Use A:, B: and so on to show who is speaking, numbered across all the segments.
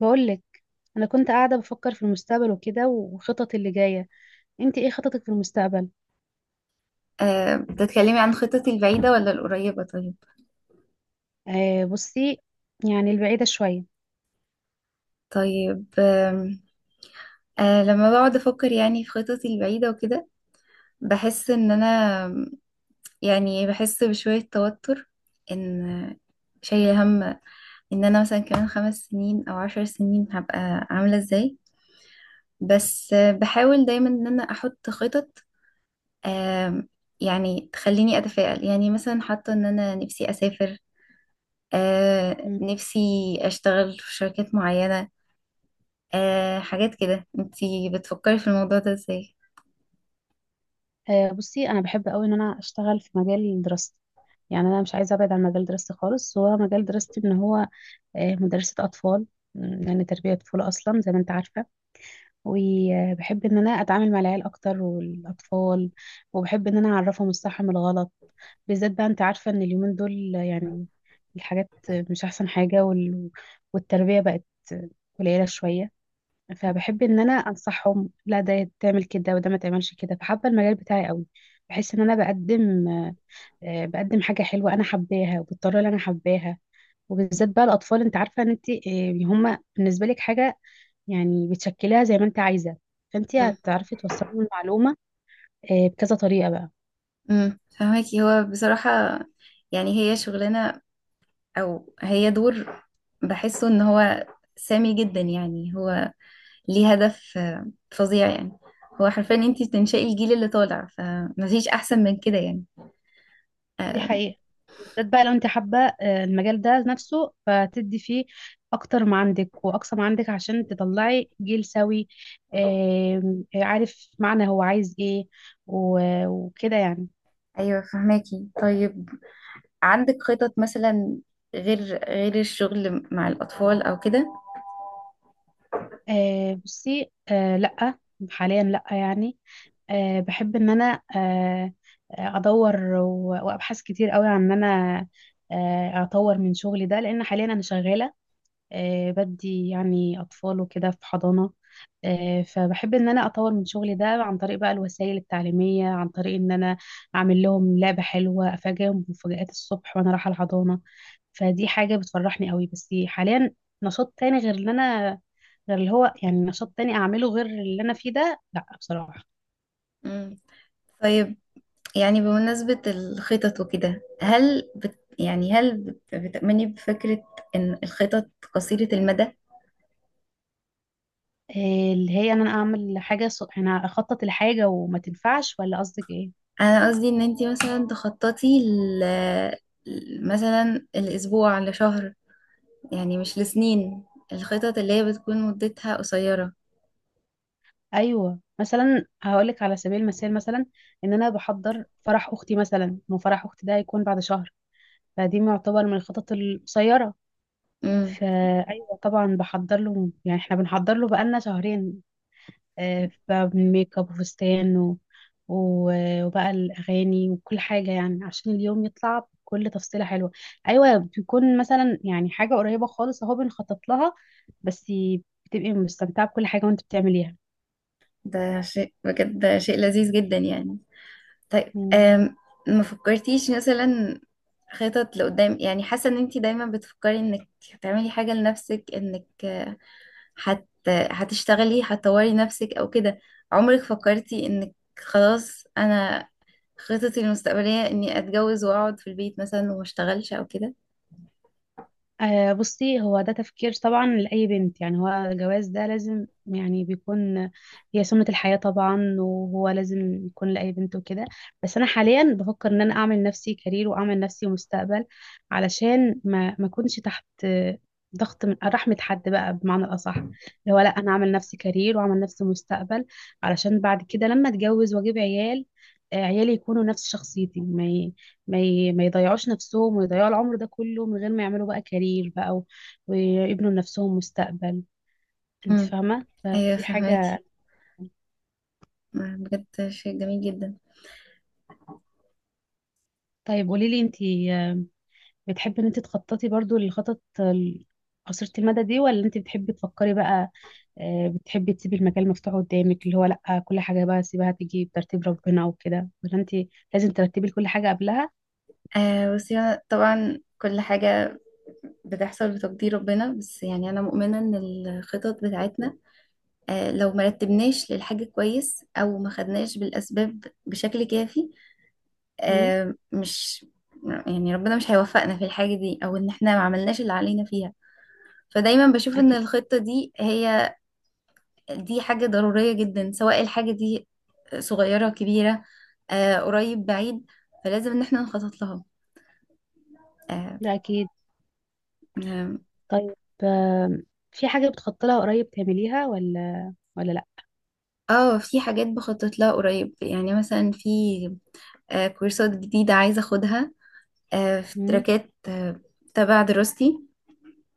A: بقولك، انا كنت قاعده بفكر في المستقبل وكده وخطط اللي جايه. انت ايه خططك في المستقبل؟
B: بتتكلمي عن خططي البعيدة ولا القريبة؟ طيب
A: آه بصي، يعني البعيده شويه.
B: طيب. آم، آه، لما بقعد أفكر يعني في خططي البعيدة وكده، بحس إن أنا، آم، يعني بحس بشوية توتر، إن شايلة هم، إن أنا مثلا كمان 5 سنين أو 10 سنين هبقى عاملة إزاي. بس بحاول دايما إن أنا أحط خطط، آم، يعني تخليني أتفائل. يعني مثلا حاطة إن أنا نفسي أسافر،
A: مم.
B: نفسي أشتغل في شركات معينة، حاجات كده. انتي بتفكري في الموضوع ده ازاي؟
A: آه بصي، انا بحب قوي ان انا اشتغل في مجال دراستي. يعني انا مش عايزه ابعد عن مجال دراستي خالص. هو مجال دراستي ان هو مدرسه اطفال. يعني تربيه طفوله اصلا زي ما انت عارفه. وبحب ان انا اتعامل مع العيال اكتر والاطفال. وبحب ان انا اعرفهم الصح من الغلط، بالذات بقى انت عارفة ان اليومين دول يعني الحاجات مش احسن حاجة، والتربية بقت قليلة شوية. فبحب ان انا انصحهم لا، ده تعمل كده وده ما تعملش كده. فحابة المجال بتاعي قوي. بحس ان انا بقدم بقدم حاجة حلوة انا حباها وبالطريقة اللي انا حباها. وبالذات بقى الاطفال، انت عارفة ان انت هما بالنسبة لك حاجة يعني بتشكلها زي ما انت عايزة. فانت
B: مم.
A: هتعرفي توصلي المعلومة بكذا طريقة بقى.
B: مم. فهماكي. هو بصراحة يعني هي شغلانة او هي دور، بحسه ان هو سامي جدا، يعني هو ليه هدف فظيع يعني. هو حرفيا انتي بتنشئي الجيل اللي طالع، فمفيش احسن من كده يعني.
A: دي
B: آه
A: حقيقة. بالذات بقى لو انت حابة المجال ده نفسه، فتدي فيه اكتر ما عندك واقصى ما عندك عشان تطلعي جيل سوي. عارف معنى هو عايز ايه، وكده يعني.
B: ايوه، فهماكي. طيب، عندك خطط مثلا غير غير الشغل مع الاطفال او كده؟
A: آه، بصي، لأ. حاليا لأ يعني. بحب ان انا ادور وابحث كتير قوي عن ان انا اطور من شغلي ده لان حاليا انا شغالة. بدي يعني أطفال وكده في حضانة. فبحب إن أنا أطور من شغلي ده عن طريق بقى الوسائل التعليمية، عن طريق إن أنا أعمل لهم لعبة حلوة، أفاجئهم بمفاجآت الصبح وأنا رايحة الحضانة. فدي حاجة بتفرحني قوي. بس حاليا، نشاط تاني غير اللي أنا، غير اللي هو يعني نشاط تاني أعمله غير اللي أنا فيه ده، لأ بصراحة.
B: مم. طيب، يعني بمناسبة الخطط وكده، هل بت يعني هل بت- بتأمني بفكرة إن الخطط قصيرة المدى؟
A: اللي هي إن أنا أعمل حاجة أنا أخطط لحاجة وما تنفعش، ولا قصدك إيه؟
B: أنا قصدي إن أنتي مثلا تخططي مثلا الأسبوع، لشهر، يعني مش لسنين. الخطط اللي هي بتكون مدتها قصيرة.
A: ايوه، مثلا هقولك على سبيل المثال، مثلا ان انا بحضر فرح اختي مثلا، وفرح اختي ده هيكون بعد شهر. فدي يعتبر من الخطط القصيره.
B: امم
A: فايوه طبعا بحضر له. يعني احنا بنحضر له بقالنا شهرين. بقى من ميك اب وفستان وبقى الاغاني وكل حاجه، يعني عشان اليوم يطلع بكل تفصيله حلوه. ايوه بيكون مثلا يعني حاجه قريبه خالص اهو بنخطط لها. بس بتبقي مستمتعه بكل حاجه وانت بتعمليها.
B: ده شيء بجد، ده شيء لذيذ جدا يعني. طيب.
A: مم.
B: ما فكرتيش مثلا خطط لقدام؟ يعني حاسة إن أنتي دايما بتفكري إنك تعملي حاجة لنفسك، إنك هتشتغلي، هتطوري نفسك او كده. عمرك فكرتي انك، خلاص انا خططي المستقبلية اني اتجوز واقعد في البيت مثلا وما اشتغلش او كده؟
A: آه بصي، هو ده تفكير طبعا لأي بنت. يعني هو الجواز ده لازم يعني بيكون هي سنة الحياة طبعا، وهو لازم يكون لأي بنت وكده. بس أنا حاليا بفكر إن أنا أعمل نفسي كارير وأعمل نفسي مستقبل، علشان ما أكونش تحت ضغط من رحمة حد بقى، بمعنى الأصح، اللي هو لأ أنا أعمل نفسي كارير وأعمل نفسي مستقبل علشان بعد كده لما أتجوز وأجيب عيال عيالي يكونوا نفس شخصيتي. ما يضيعوش نفسهم ويضيعوا العمر ده كله من غير ما يعملوا بقى كارير بقى، ويبنوا لنفسهم مستقبل. انت
B: امم.
A: فاهمة،
B: ايوه،
A: فدي
B: فهماكي.
A: حاجة.
B: بجد شيء جميل جدا.
A: طيب قولي لي انت، بتحبي ان انت تخططي برضو للخطط قصيرة المدى دي، ولا انت بتحبي تفكري بقى؟ بتحبي تسيبي المجال مفتوح قدامك اللي هو لا كل حاجة بقى سيبها تيجي بترتيب ربنا وكده، ولا انت لازم ترتبي كل حاجة قبلها؟
B: بصي، أنا طبعا كل حاجة بتحصل بتقدير ربنا، بس يعني أنا مؤمنة إن الخطط بتاعتنا، لو مرتبناش للحاجة كويس أو ما خدناش بالأسباب بشكل كافي،
A: مم،
B: آه، مش يعني ربنا مش هيوفقنا في الحاجة دي، او ان احنا ما عملناش اللي علينا فيها. فدايما بشوف ان
A: اكيد.
B: الخطة دي هي، دي حاجة ضرورية جدا، سواء الحاجة دي صغيرة كبيرة، قريب بعيد، فلازم ان احنا نخطط لها. اه.
A: ده اكيد.
B: يعني-
A: طيب، آم، في حاجة بتخططي لها قريب تعمليها ولا
B: في حاجات بخطط لها قريب، يعني مثلا في كورسات جديدة عايزة اخدها، في
A: لا؟
B: تراكات تبع دراستي،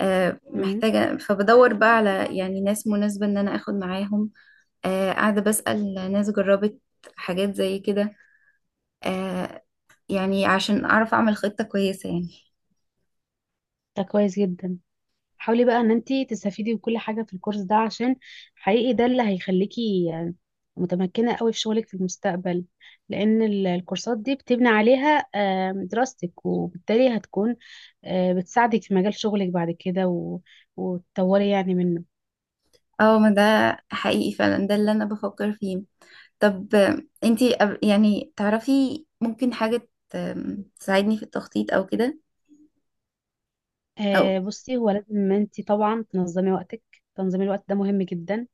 A: امم.
B: محتاجة، فبدور بقى على يعني ناس مناسبة ان انا اخد معاهم. قاعدة بسأل ناس جربت حاجات زي كده، آه، يعني عشان أعرف أعمل خطة كويسة يعني.
A: ده كويس جدا. حاولي بقى ان انتي تستفيدي بكل حاجه في الكورس ده عشان حقيقي ده اللي هيخليكي متمكنه قوي في شغلك في المستقبل، لان الكورسات دي بتبني عليها دراستك، وبالتالي هتكون بتساعدك في مجال شغلك بعد كده، وتطوري يعني منه.
B: اه، ما ده حقيقي فعلا، ده اللي أنا بفكر فيه. طب انتي، يعني تعرفي ممكن حاجة تساعدني في التخطيط أو كده، أو.
A: بصي هو لازم انتي طبعا تنظمي وقتك. تنظيم الوقت ده مهم جدا.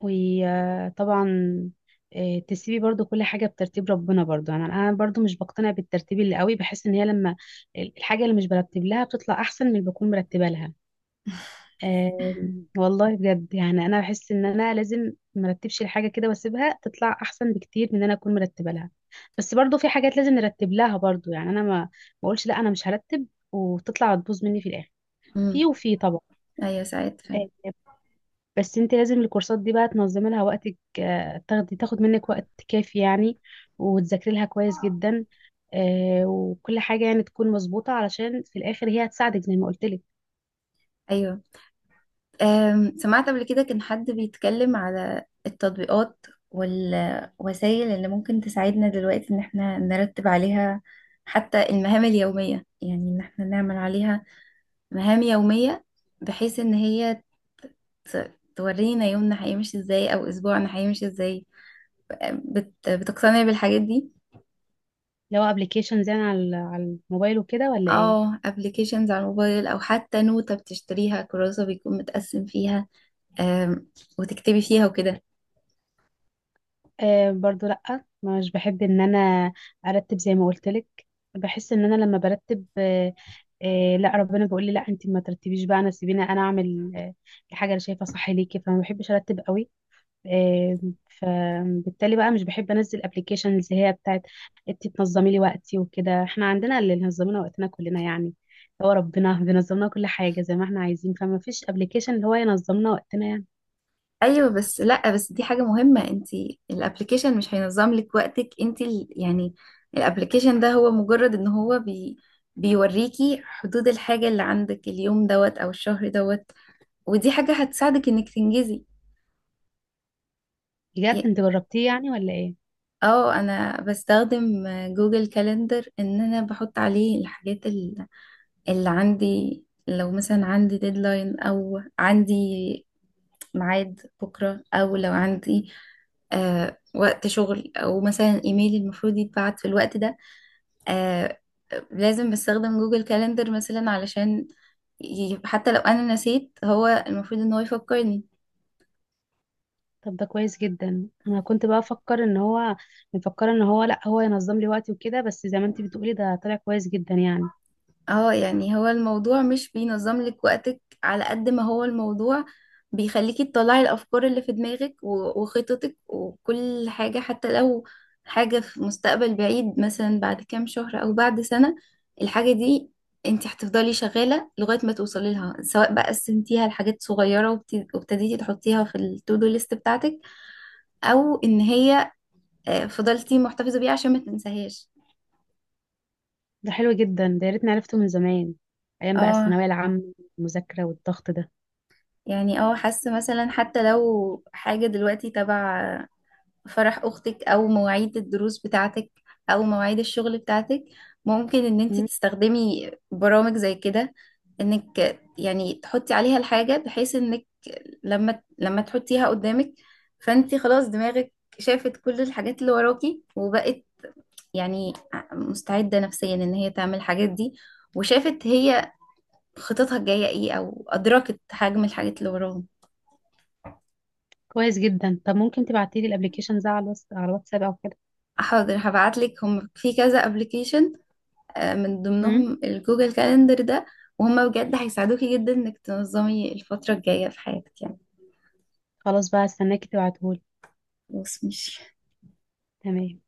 A: وطبعا تسيبي برضو كل حاجة بترتيب ربنا برضو. يعني أنا برضو مش بقتنع بالترتيب اللي قوي. بحس إن هي لما الحاجة اللي مش برتب لها بتطلع أحسن من اللي بكون مرتبة لها. آه، والله بجد، يعني أنا بحس إن أنا لازم مرتبش الحاجة كده واسيبها تطلع أحسن بكتير من إن أنا أكون مرتبة لها. بس برضو في حاجات لازم نرتب لها برضو. يعني أنا ما بقولش لا، أنا مش هرتب وتطلع تبوظ مني في الآخر. في
B: مم.
A: وفي طبعا.
B: أيوة، ساعات فعلا.
A: آه، بس انت لازم الكورسات دي بقى تنظمي لها وقتك. تاخدي تاخد منك وقت كافي يعني، وتذاكري لها كويس جدا. وكل حاجة يعني تكون مظبوطة علشان في الآخر هي هتساعدك زي ما قلت لك.
B: أيوة. سمعت قبل كده كان حد بيتكلم على التطبيقات والوسائل اللي ممكن تساعدنا دلوقتي ان احنا نرتب عليها حتى المهام اليومية، يعني ان احنا نعمل عليها مهام يومية، بحيث ان هي تورينا يومنا هيمشي ازاي او اسبوعنا هيمشي ازاي. بتقتنع بالحاجات دي؟
A: لو ابلكيشنز يعني على الموبايل وكده، ولا ايه؟
B: اه، ابلكيشنز على الموبايل، او حتى نوتة بتشتريها، كراسة بيكون متقسم فيها، أم، وتكتبي فيها وكده.
A: آه برضو لأ، مش بحب ان انا ارتب زي ما قلت لك. بحس ان انا لما برتب لا، ربنا بيقول لي لا انت ما ترتبيش بقى، انا سيبيني انا اعمل الحاجة اللي شايفة صح ليكي. فما بحبش ارتب قوي. آه، فبالتالي بقى مش بحب انزل ابلكيشنز هي بتاعت انت تنظمي لي وقتي وكده. احنا عندنا اللي نظم لنا وقتنا كلنا يعني. هو ربنا بينظم لنا كل حاجه زي ما احنا عايزين، فما فيش ابلكيشن اللي هو ينظم لنا وقتنا يعني.
B: ايوه، بس لا، بس دي حاجه مهمه. انت، الابلكيشن مش هينظم لك وقتك. انت يعني الابلكيشن ده هو مجرد ان هو بيوريكي حدود الحاجه اللي عندك اليوم دوت، او الشهر دوت. ودي حاجه هتساعدك انك تنجزي.
A: بجد
B: ي-
A: انت جربتيه يعني، ولا ايه؟
B: اه، انا بستخدم جوجل كالندر، ان انا بحط عليه الحاجات اللي عندي، لو مثلا عندي ديدلاين، او عندي ميعاد بكرة، أو لو عندي وقت شغل، أو مثلا إيميلي المفروض يتبعت في الوقت ده. آه لازم بستخدم جوجل كالندر مثلا، علشان، حتى لو أنا نسيت هو المفروض إن هو يفكرني.
A: طب ده كويس جدا. انا كنت بقى افكر ان هو مفكره، ان هو لا هو ينظم لي وقتي وكده، بس زي ما انت بتقولي ده طلع كويس جدا يعني.
B: اه، يعني هو الموضوع مش بينظم لك وقتك على قد ما هو الموضوع بيخليكي تطلعي الأفكار اللي في دماغك وخططك وكل حاجة، حتى لو حاجة في مستقبل بعيد مثلا بعد كام شهر أو بعد سنة. الحاجة دي، انت هتفضلي شغالة لغاية ما توصلي لها، سواء بقى قسمتيها لحاجات صغيرة وابتديتي تحطيها في التو دو ليست بتاعتك، أو إن هي فضلتي محتفظة بيها عشان ما تنساهاش.
A: ده حلو جدا. ده يا ريتني عرفته من زمان، ايام بقى
B: اه
A: الثانويه العامه، المذاكره والضغط ده.
B: حاسة مثلا حتى لو حاجة دلوقتي تبع فرح أختك، أو مواعيد الدروس بتاعتك، أو مواعيد الشغل بتاعتك، ممكن إن انت تستخدمي برامج زي كده، إنك يعني تحطي عليها الحاجة، بحيث إنك لما تحطيها قدامك، فانت خلاص دماغك شافت كل الحاجات اللي وراكي، وبقت يعني مستعدة نفسيا إن هي تعمل الحاجات دي، وشافت هي خططها الجاية ايه، أو أدركت حجم الحاجات اللي وراهم.
A: كويس جدا. طب ممكن تبعتيلي الابلكيشن ده على الواتس، على الواتساب او كده؟
B: حاضر، هبعتلك هم في كذا ابلكيشن، من
A: امم
B: ضمنهم الجوجل كالندر ده. وهم بجد هيساعدوكي جدا انك تنظمي الفترة الجاية في حياتك يعني.
A: خلاص بقى، استناكي تبعتهولي.
B: خلاص ماشي.
A: تمام.